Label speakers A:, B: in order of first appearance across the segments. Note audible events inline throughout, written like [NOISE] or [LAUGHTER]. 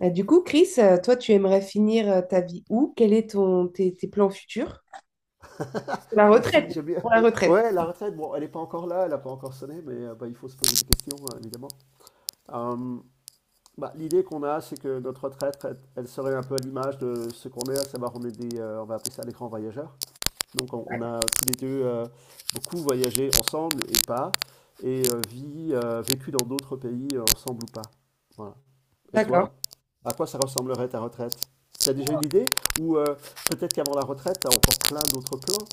A: Bah, du coup, Chris, toi, tu aimerais finir ta vie où? Quel est tes plans futurs? Pour la
B: Merci,
A: retraite.
B: j'aime bien.
A: Pour la retraite.
B: Ouais, la retraite, bon, elle n'est pas encore là, elle n'a pas encore sonné, mais bah, il faut se poser des questions, évidemment. Euh, bah, l'idée qu'on a, c'est que notre retraite, elle serait un peu à l'image de ce qu'on est, à savoir, on est on va appeler ça des grands voyageurs. Donc, on a tous les deux beaucoup voyagé ensemble et pas, et vie, vécu dans d'autres pays ensemble ou pas. Voilà. Et
A: D'accord.
B: toi, à quoi ça ressemblerait ta retraite? Tu as déjà une idée? Ou peut-être qu'avant la retraite, tu as encore plein d'autres plans?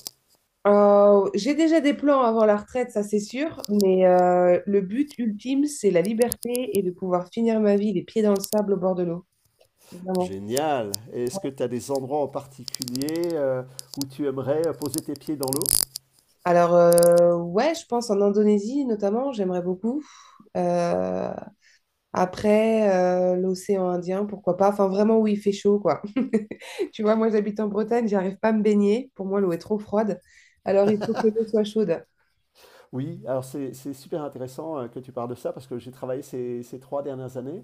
A: J'ai déjà des plans avant la retraite, ça c'est sûr, mais le but ultime, c'est la liberté et de pouvoir finir ma vie les pieds dans le sable au bord de l'eau. Vraiment.
B: Génial. Est-ce que tu as des endroits en particulier où tu aimerais poser tes pieds dans l'eau?
A: Alors, ouais, je pense en Indonésie notamment, j'aimerais beaucoup. Euh, Après, l'océan Indien, pourquoi pas. Enfin, vraiment où il fait chaud, quoi. [LAUGHS] Tu vois, moi, j'habite en Bretagne, j'arrive pas à me baigner. Pour moi, l'eau est trop froide. Alors, il faut que l'eau soit chaude.
B: Oui, alors c'est super intéressant que tu parles de ça parce que j'ai travaillé ces 3 dernières années.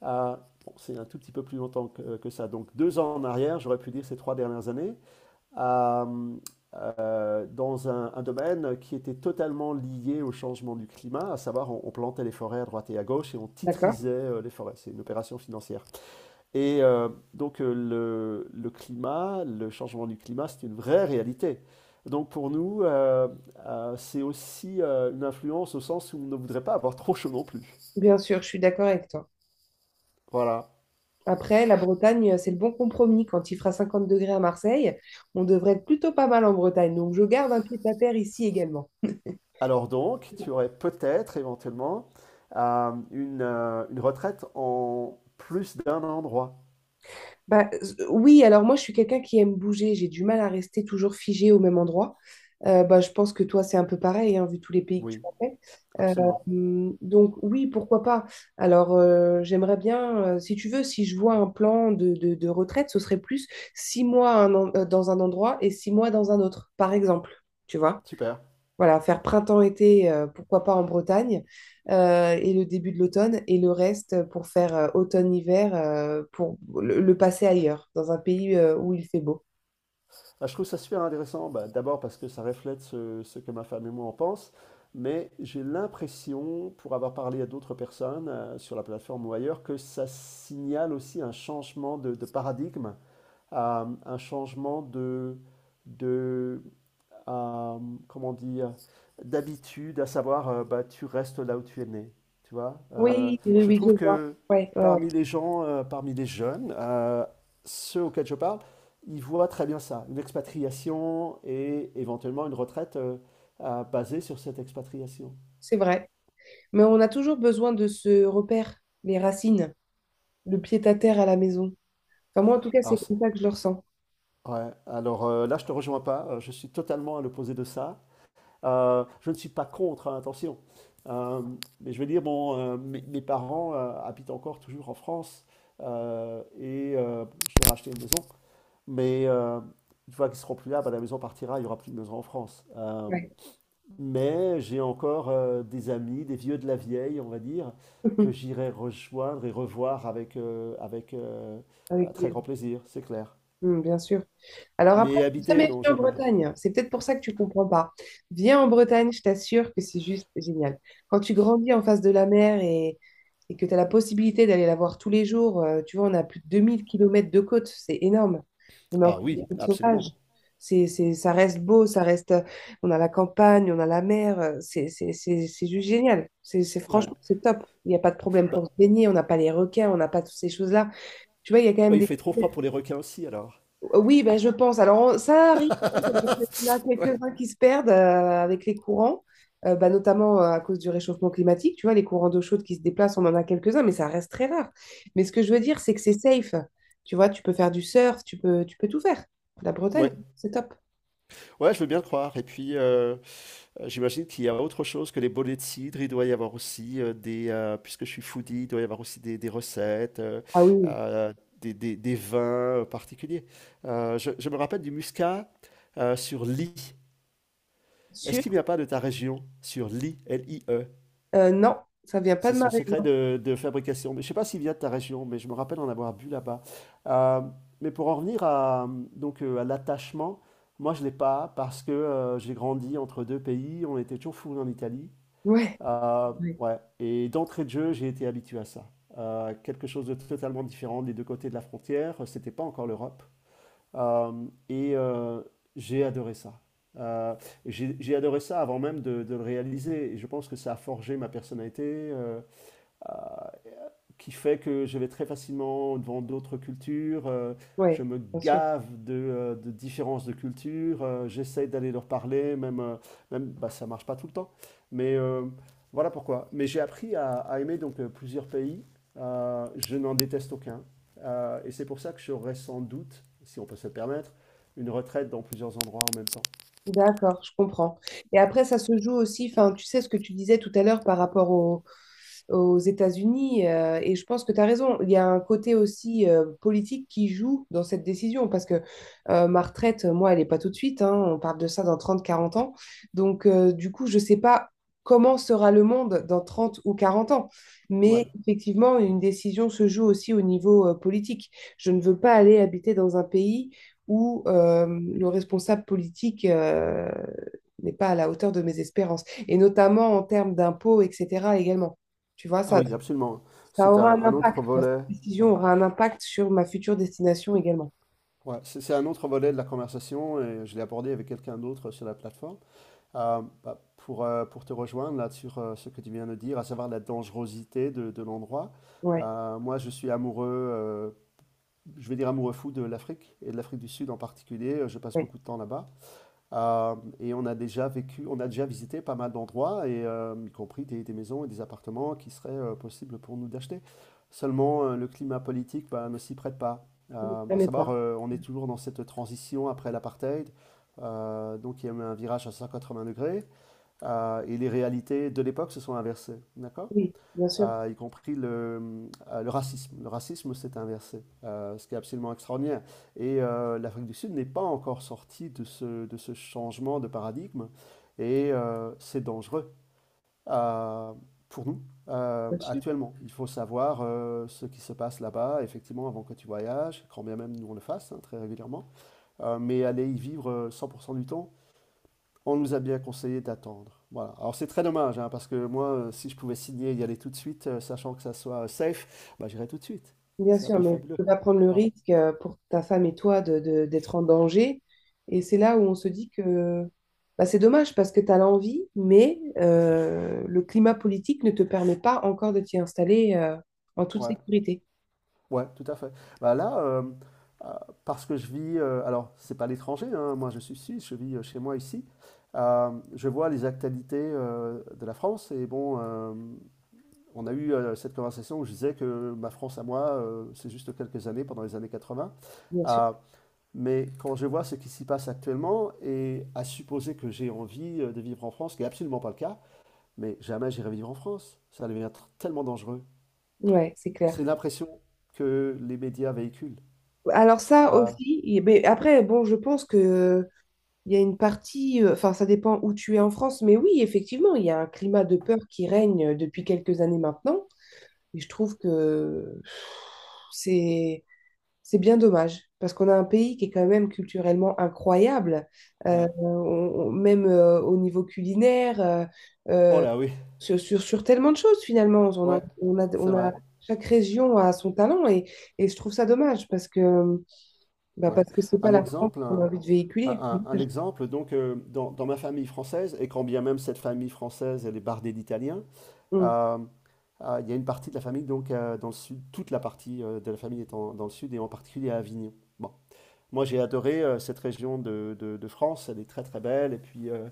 B: à- bon, c'est un tout petit peu plus longtemps que ça. Donc 2 ans en arrière, j'aurais pu dire ces 3 dernières années, à, dans un domaine qui était totalement lié au changement du climat, à savoir on plantait les forêts à droite et à gauche et on
A: D'accord?
B: titrisait les forêts. C'est une opération financière. Et euh, donc, le climat, le changement du climat, c'est une vraie réalité. Donc pour nous, c'est aussi une influence au sens où on ne voudrait pas avoir trop chaud non plus.
A: Bien sûr, je suis d'accord avec toi.
B: Voilà.
A: Après, la Bretagne, c'est le bon compromis. Quand il fera 50 degrés à Marseille, on devrait être plutôt pas mal en Bretagne. Donc, je garde un pied à terre ici également.
B: Alors donc, tu aurais peut-être éventuellement une retraite en plus d'un endroit.
A: Bah, oui, alors moi, je suis quelqu'un qui aime bouger. J'ai du mal à rester toujours figé au même endroit. Bah, je pense que toi, c'est un peu pareil, hein, vu tous les pays que tu
B: Oui,
A: as fait.
B: absolument.
A: Donc, oui, pourquoi pas. Alors, j'aimerais bien, si tu veux, si je vois un plan de retraite, ce serait plus 6 mois dans un endroit et 6 mois dans un autre, par exemple. Tu vois?
B: Super.
A: Voilà, faire printemps-été, pourquoi pas en Bretagne, et le début de l'automne, et le reste pour faire automne-hiver, pour le passer ailleurs, dans un pays où il fait beau.
B: Ah, je trouve ça super intéressant, bah, d'abord parce que ça reflète ce que ma femme et moi en pense, mais j'ai l'impression, pour avoir parlé à d'autres personnes sur la plateforme ou ailleurs, que ça signale aussi un changement de paradigme, un changement de, euh, comment on dit, d'habitude, à savoir, bah, tu restes là où tu es né, tu vois.
A: Oui, oui,
B: Je
A: oui, je
B: trouve
A: vois.
B: que
A: Ouais, ouais, ouais,
B: parmi les gens, parmi les jeunes, ceux auxquels je parle, ils voient très bien ça, une expatriation et éventuellement une retraite basée sur cette expatriation.
A: c'est vrai. Mais on a toujours besoin de ce repère, les racines, le pied-à-terre à la maison. Enfin, moi, en tout cas,
B: Alors,
A: c'est comme ça que je le ressens.
B: ouais, alors là, je te rejoins pas, je suis totalement à l'opposé de ça. Je ne suis pas contre, hein, attention. Euh, mais je veux dire, bon, mes parents habitent encore toujours en France et je leur ai acheté une maison. Mais une fois qu'ils seront plus là, bah, la maison partira, il n'y aura plus de maison en France.
A: Ouais.
B: Mais j'ai encore des amis, des vieux de la vieille, on va dire, que
A: [LAUGHS]
B: j'irai rejoindre et revoir avec
A: Avec
B: un très
A: plaisir.
B: grand plaisir, c'est clair.
A: Hmm, bien sûr. Alors après,
B: Mais
A: jamais
B: habiter, non,
A: venu en
B: jamais.
A: Bretagne. C'est peut-être pour ça que tu comprends pas. Viens en Bretagne, je t'assure que c'est juste génial. Quand tu grandis en face de la mer et que tu as la possibilité d'aller la voir tous les jours, tu vois, on a plus de 2 000 kilomètres de côte, c'est énorme. On a
B: Ah
A: encore des
B: oui,
A: côtes sauvages.
B: absolument.
A: Ça reste beau, ça reste. On a la campagne, on a la mer. C'est juste génial.
B: Ouais.
A: Franchement, c'est top. Il n'y a pas de problème
B: Bah,
A: pour se baigner. On n'a pas les requins, on n'a pas toutes ces choses-là. Tu vois, il y a quand
B: bah,
A: même
B: il
A: des
B: fait trop froid pour les requins aussi, alors.
A: Oui, ben, je pense. Alors, ça arrive, hein, qu'il y en a
B: [LAUGHS] Ouais.
A: quelques-uns qui se perdent avec les courants, bah, notamment à cause du réchauffement climatique. Tu vois, les courants d'eau chaude qui se déplacent, on en a quelques-uns, mais ça reste très rare. Mais ce que je veux dire, c'est que c'est safe. Tu vois, tu peux faire du surf, tu peux tout faire. La Bretagne,
B: Ouais.
A: c'est top.
B: Ouais, je veux bien le croire. Et puis, j'imagine qu'il y a autre chose que les bonnets de cidre. Il doit y avoir aussi, puisque je suis foodie, il doit y avoir aussi des recettes,
A: Ah oui.
B: heu, des vins, particuliers. Je me rappelle du muscat, sur Ly. Est-ce
A: Sûr?
B: qu'il n'y a pas de ta région? Sur Ly, Lie.
A: Non, ça vient pas
B: C'est
A: de ma
B: son secret
A: région.
B: de fabrication. Mais je ne sais pas s'il vient de ta région, mais je me rappelle en avoir bu là-bas. Euh, mais pour en revenir à l'attachement, moi je ne l'ai pas parce que j'ai grandi entre deux pays, on était toujours fourrés en Italie.
A: Ouais,
B: Euh,
A: ouais,
B: ouais. Et d'entrée de jeu, j'ai été habitué à ça. Quelque chose de totalement différent des deux côtés de la frontière, c'était pas encore l'Europe. Euh, et j'ai adoré ça. Euh, j'ai adoré ça avant même de le réaliser. Et je pense que ça a forgé ma personnalité, Euh, qui fait que je vais très facilement devant d'autres cultures,
A: ouais,
B: je me
A: bien sûr.
B: gave de différences de cultures, j'essaie d'aller leur parler, même bah, ça marche pas tout le temps. Mais voilà pourquoi. Mais j'ai appris à aimer donc plusieurs pays. Je n'en déteste aucun. Et c'est pour ça que j'aurais sans doute, si on peut se le permettre, une retraite dans plusieurs endroits en même temps.
A: D'accord, je comprends. Et après, ça se joue aussi, enfin, tu sais ce que tu disais tout à l'heure par rapport aux États-Unis. Et je pense que tu as raison. Il y a un côté aussi politique qui joue dans cette décision parce que ma retraite, moi, elle n'est pas tout de suite. Hein. On parle de ça dans 30, 40 ans. Donc, du coup, je ne sais pas comment sera le monde dans 30 ou 40 ans.
B: Ouais.
A: Mais effectivement, une décision se joue aussi au niveau politique. Je ne veux pas aller habiter dans un pays où le responsable politique n'est pas à la hauteur de mes espérances, et notamment en termes d'impôts, etc. également. Tu vois,
B: Ah
A: ça,
B: oui, absolument.
A: ça
B: C'est un,
A: aura un
B: un
A: impact,
B: autre
A: quoi. Cette
B: volet.
A: décision
B: Ouais.
A: aura un impact sur ma future destination également.
B: Ouais, c'est un autre volet de la conversation et je l'ai abordé avec quelqu'un d'autre sur la plateforme. Bah, pour te rejoindre là sur ce que tu viens de dire, à savoir la dangerosité de l'endroit,
A: Ouais,
B: moi je suis amoureux, je vais dire amoureux fou de l'Afrique et de l'Afrique du Sud en particulier. Je passe
A: ouais.
B: beaucoup de temps là-bas. Et on a déjà vécu, on a déjà visité pas mal d'endroits, et y compris des maisons et des appartements qui seraient possibles pour nous d'acheter. Seulement, le climat politique bah, ne s'y prête pas.
A: Oui, ça
B: À
A: m'est pas.
B: savoir, on est toujours dans cette transition après l'apartheid. Donc, il y a eu un virage à 180 degrés, et les réalités de l'époque se sont inversées. D'accord?
A: Oui, bien sûr,
B: Y compris le racisme. Le racisme s'est inversé, ce qui est absolument extraordinaire. Et l'Afrique du Sud n'est pas encore sortie de ce changement de paradigme, et c'est dangereux euh, pour nous
A: bien sûr,
B: actuellement. Il faut savoir ce qui se passe là-bas, effectivement, avant que tu voyages, quand bien même nous on le fasse hein, très régulièrement. Mais aller y vivre 100% du temps, on nous a bien conseillé d'attendre. Voilà. Alors c'est très dommage, hein, parce que moi, si je pouvais signer et y aller tout de suite, sachant que ça soit safe, bah, j'irais tout de suite.
A: bien
B: C'est un
A: sûr,
B: pays
A: mais tu
B: fabuleux.
A: peux pas prendre le
B: Ouais,
A: risque pour ta femme et toi d'être en danger. Et c'est là où on se dit que bah, c'est dommage parce que tu as l'envie, mais le climat politique ne te permet pas encore de t'y installer en toute
B: ouais,
A: sécurité.
B: ouais, tout à fait. Bah là, euh, parce que je vis, alors c'est pas l'étranger, hein, moi je suis suisse, je vis chez moi ici. Je vois les actualités de la France et bon, on a eu cette conversation où je disais que ma France à moi, c'est juste quelques années, pendant les années 80.
A: Bien sûr.
B: Mais quand je vois ce qui s'y passe actuellement, et à supposer que j'ai envie de vivre en France, ce qui n'est absolument pas le cas, mais jamais j'irai vivre en France. Ça devient tellement dangereux.
A: Ouais, c'est
B: C'est
A: clair.
B: l'impression que les médias véhiculent.
A: Alors ça
B: Ah,
A: aussi, mais après, bon, je pense que il y a une partie, enfin ça dépend où tu es en France, mais oui, effectivement, il y a un climat de peur qui règne depuis quelques années maintenant. Et je trouve que c'est c'est bien dommage, parce qu'on a un pays qui est quand même culturellement incroyable, euh,
B: ouais.
A: on- même au niveau culinaire,
B: Oh
A: euh,
B: là oui,
A: sur tellement de choses finalement.
B: ouais, c'est vrai.
A: Chaque région a son talent et je trouve ça dommage parce que bah,
B: Ouais.
A: parce que c'est pas
B: Un
A: la France
B: exemple,
A: qu'on a
B: un,
A: envie de véhiculer.
B: un- un exemple, donc dans ma famille française, et quand bien même cette famille française, elle est bardée d'Italiens,
A: Mm.
B: euh, il y a une partie de la famille donc dans le sud, toute la partie de la famille dans le sud et en particulier à Avignon. Bon. Moi, j'ai adoré cette région de France, elle est très très belle. Et puis,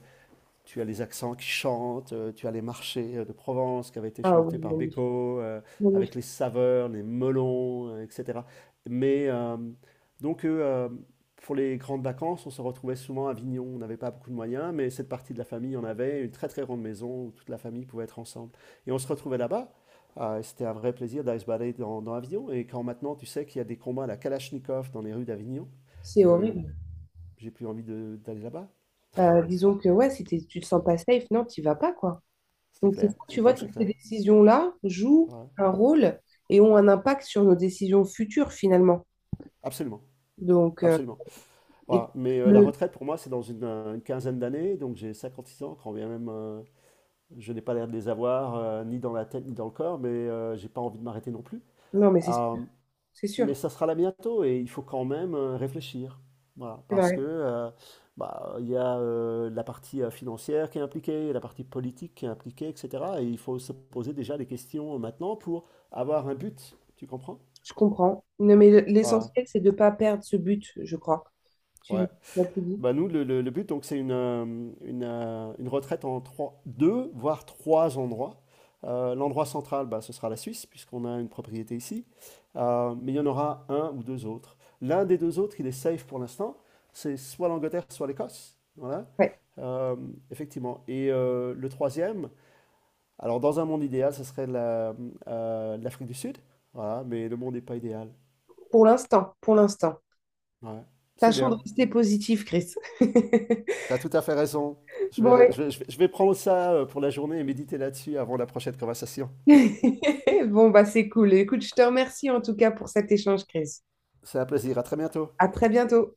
B: tu as les accents qui chantent, tu as les marchés de Provence qui avaient été
A: Ah
B: chantés par
A: oui,
B: Beko, avec
A: magnifique.
B: les saveurs, les melons, etc. Mais donc, pour les grandes vacances, on se retrouvait souvent à Avignon. On n'avait pas beaucoup de moyens, mais cette partie de la famille en avait une très très grande maison où toute la famille pouvait être ensemble. Et on se retrouvait là-bas. Ah, et c'était un vrai plaisir d'aller se balader dans Avignon. Et quand maintenant tu sais qu'il y a des combats à la Kalachnikov dans les rues d'Avignon,
A: C'est
B: euh,
A: horrible.
B: j'ai plus envie d'aller là-bas.
A: Disons que ouais, si t'es- tu te sens pas safe, non, tu vas pas, quoi.
B: C'est
A: Donc c'est
B: clair,
A: ça,
B: c'est
A: tu vois,
B: clair, c'est
A: toutes ces
B: clair.
A: décisions-là jouent
B: Ouais.
A: un rôle et ont un impact sur nos décisions futures, finalement.
B: Absolument,
A: Donc,
B: absolument.
A: et
B: Voilà. Mais la
A: le-
B: retraite, pour moi, c'est dans une quinzaine d'années, donc j'ai 56 ans, quand bien même je n'ai pas l'air de les avoir, ni dans la tête, ni dans le corps, mais j'ai pas envie de m'arrêter non plus.
A: non, mais c'est sûr,
B: Euh,
A: c'est
B: Mais
A: sûr,
B: ça sera là bientôt et il faut quand même réfléchir. Voilà,
A: c'est
B: parce que
A: vrai,
B: bah, il y a la partie financière qui est impliquée, la partie politique qui est impliquée, etc. Et il faut se poser déjà des questions maintenant pour avoir un but. Tu comprends?
A: je comprends. Non, mais
B: Voilà.
A: l'essentiel, c'est de pas perdre ce but, je crois. Tu,
B: Ouais.
A: tu as tout dit.
B: Bah nous, le but, donc, c'est une retraite en trois, deux, voire trois endroits. L'endroit central, bah, ce sera la Suisse, puisqu'on a une propriété ici. Mais il y en aura un ou deux autres. L'un des deux autres, il est safe pour l'instant. C'est soit l'Angleterre, soit l'Écosse. Voilà.
A: Ouais,
B: Euh, Effectivement. Et le troisième, alors dans un monde idéal, ce serait l'Afrique du Sud. Voilà, mais le monde n'est pas idéal.
A: pour l'instant, pour l'instant.
B: Ouais. C'est
A: Tâchons de
B: bien.
A: rester positif, Chris. [LAUGHS]
B: T'as tout à fait raison. Je vais,
A: Bon,
B: je vais- je vais je vais prendre ça pour la journée et méditer là-dessus avant la prochaine conversation.
A: [LAUGHS] Bon, bah c'est cool. Écoute, je te remercie en tout cas pour cet échange, Chris.
B: C'est un plaisir. À très bientôt.
A: À très bientôt.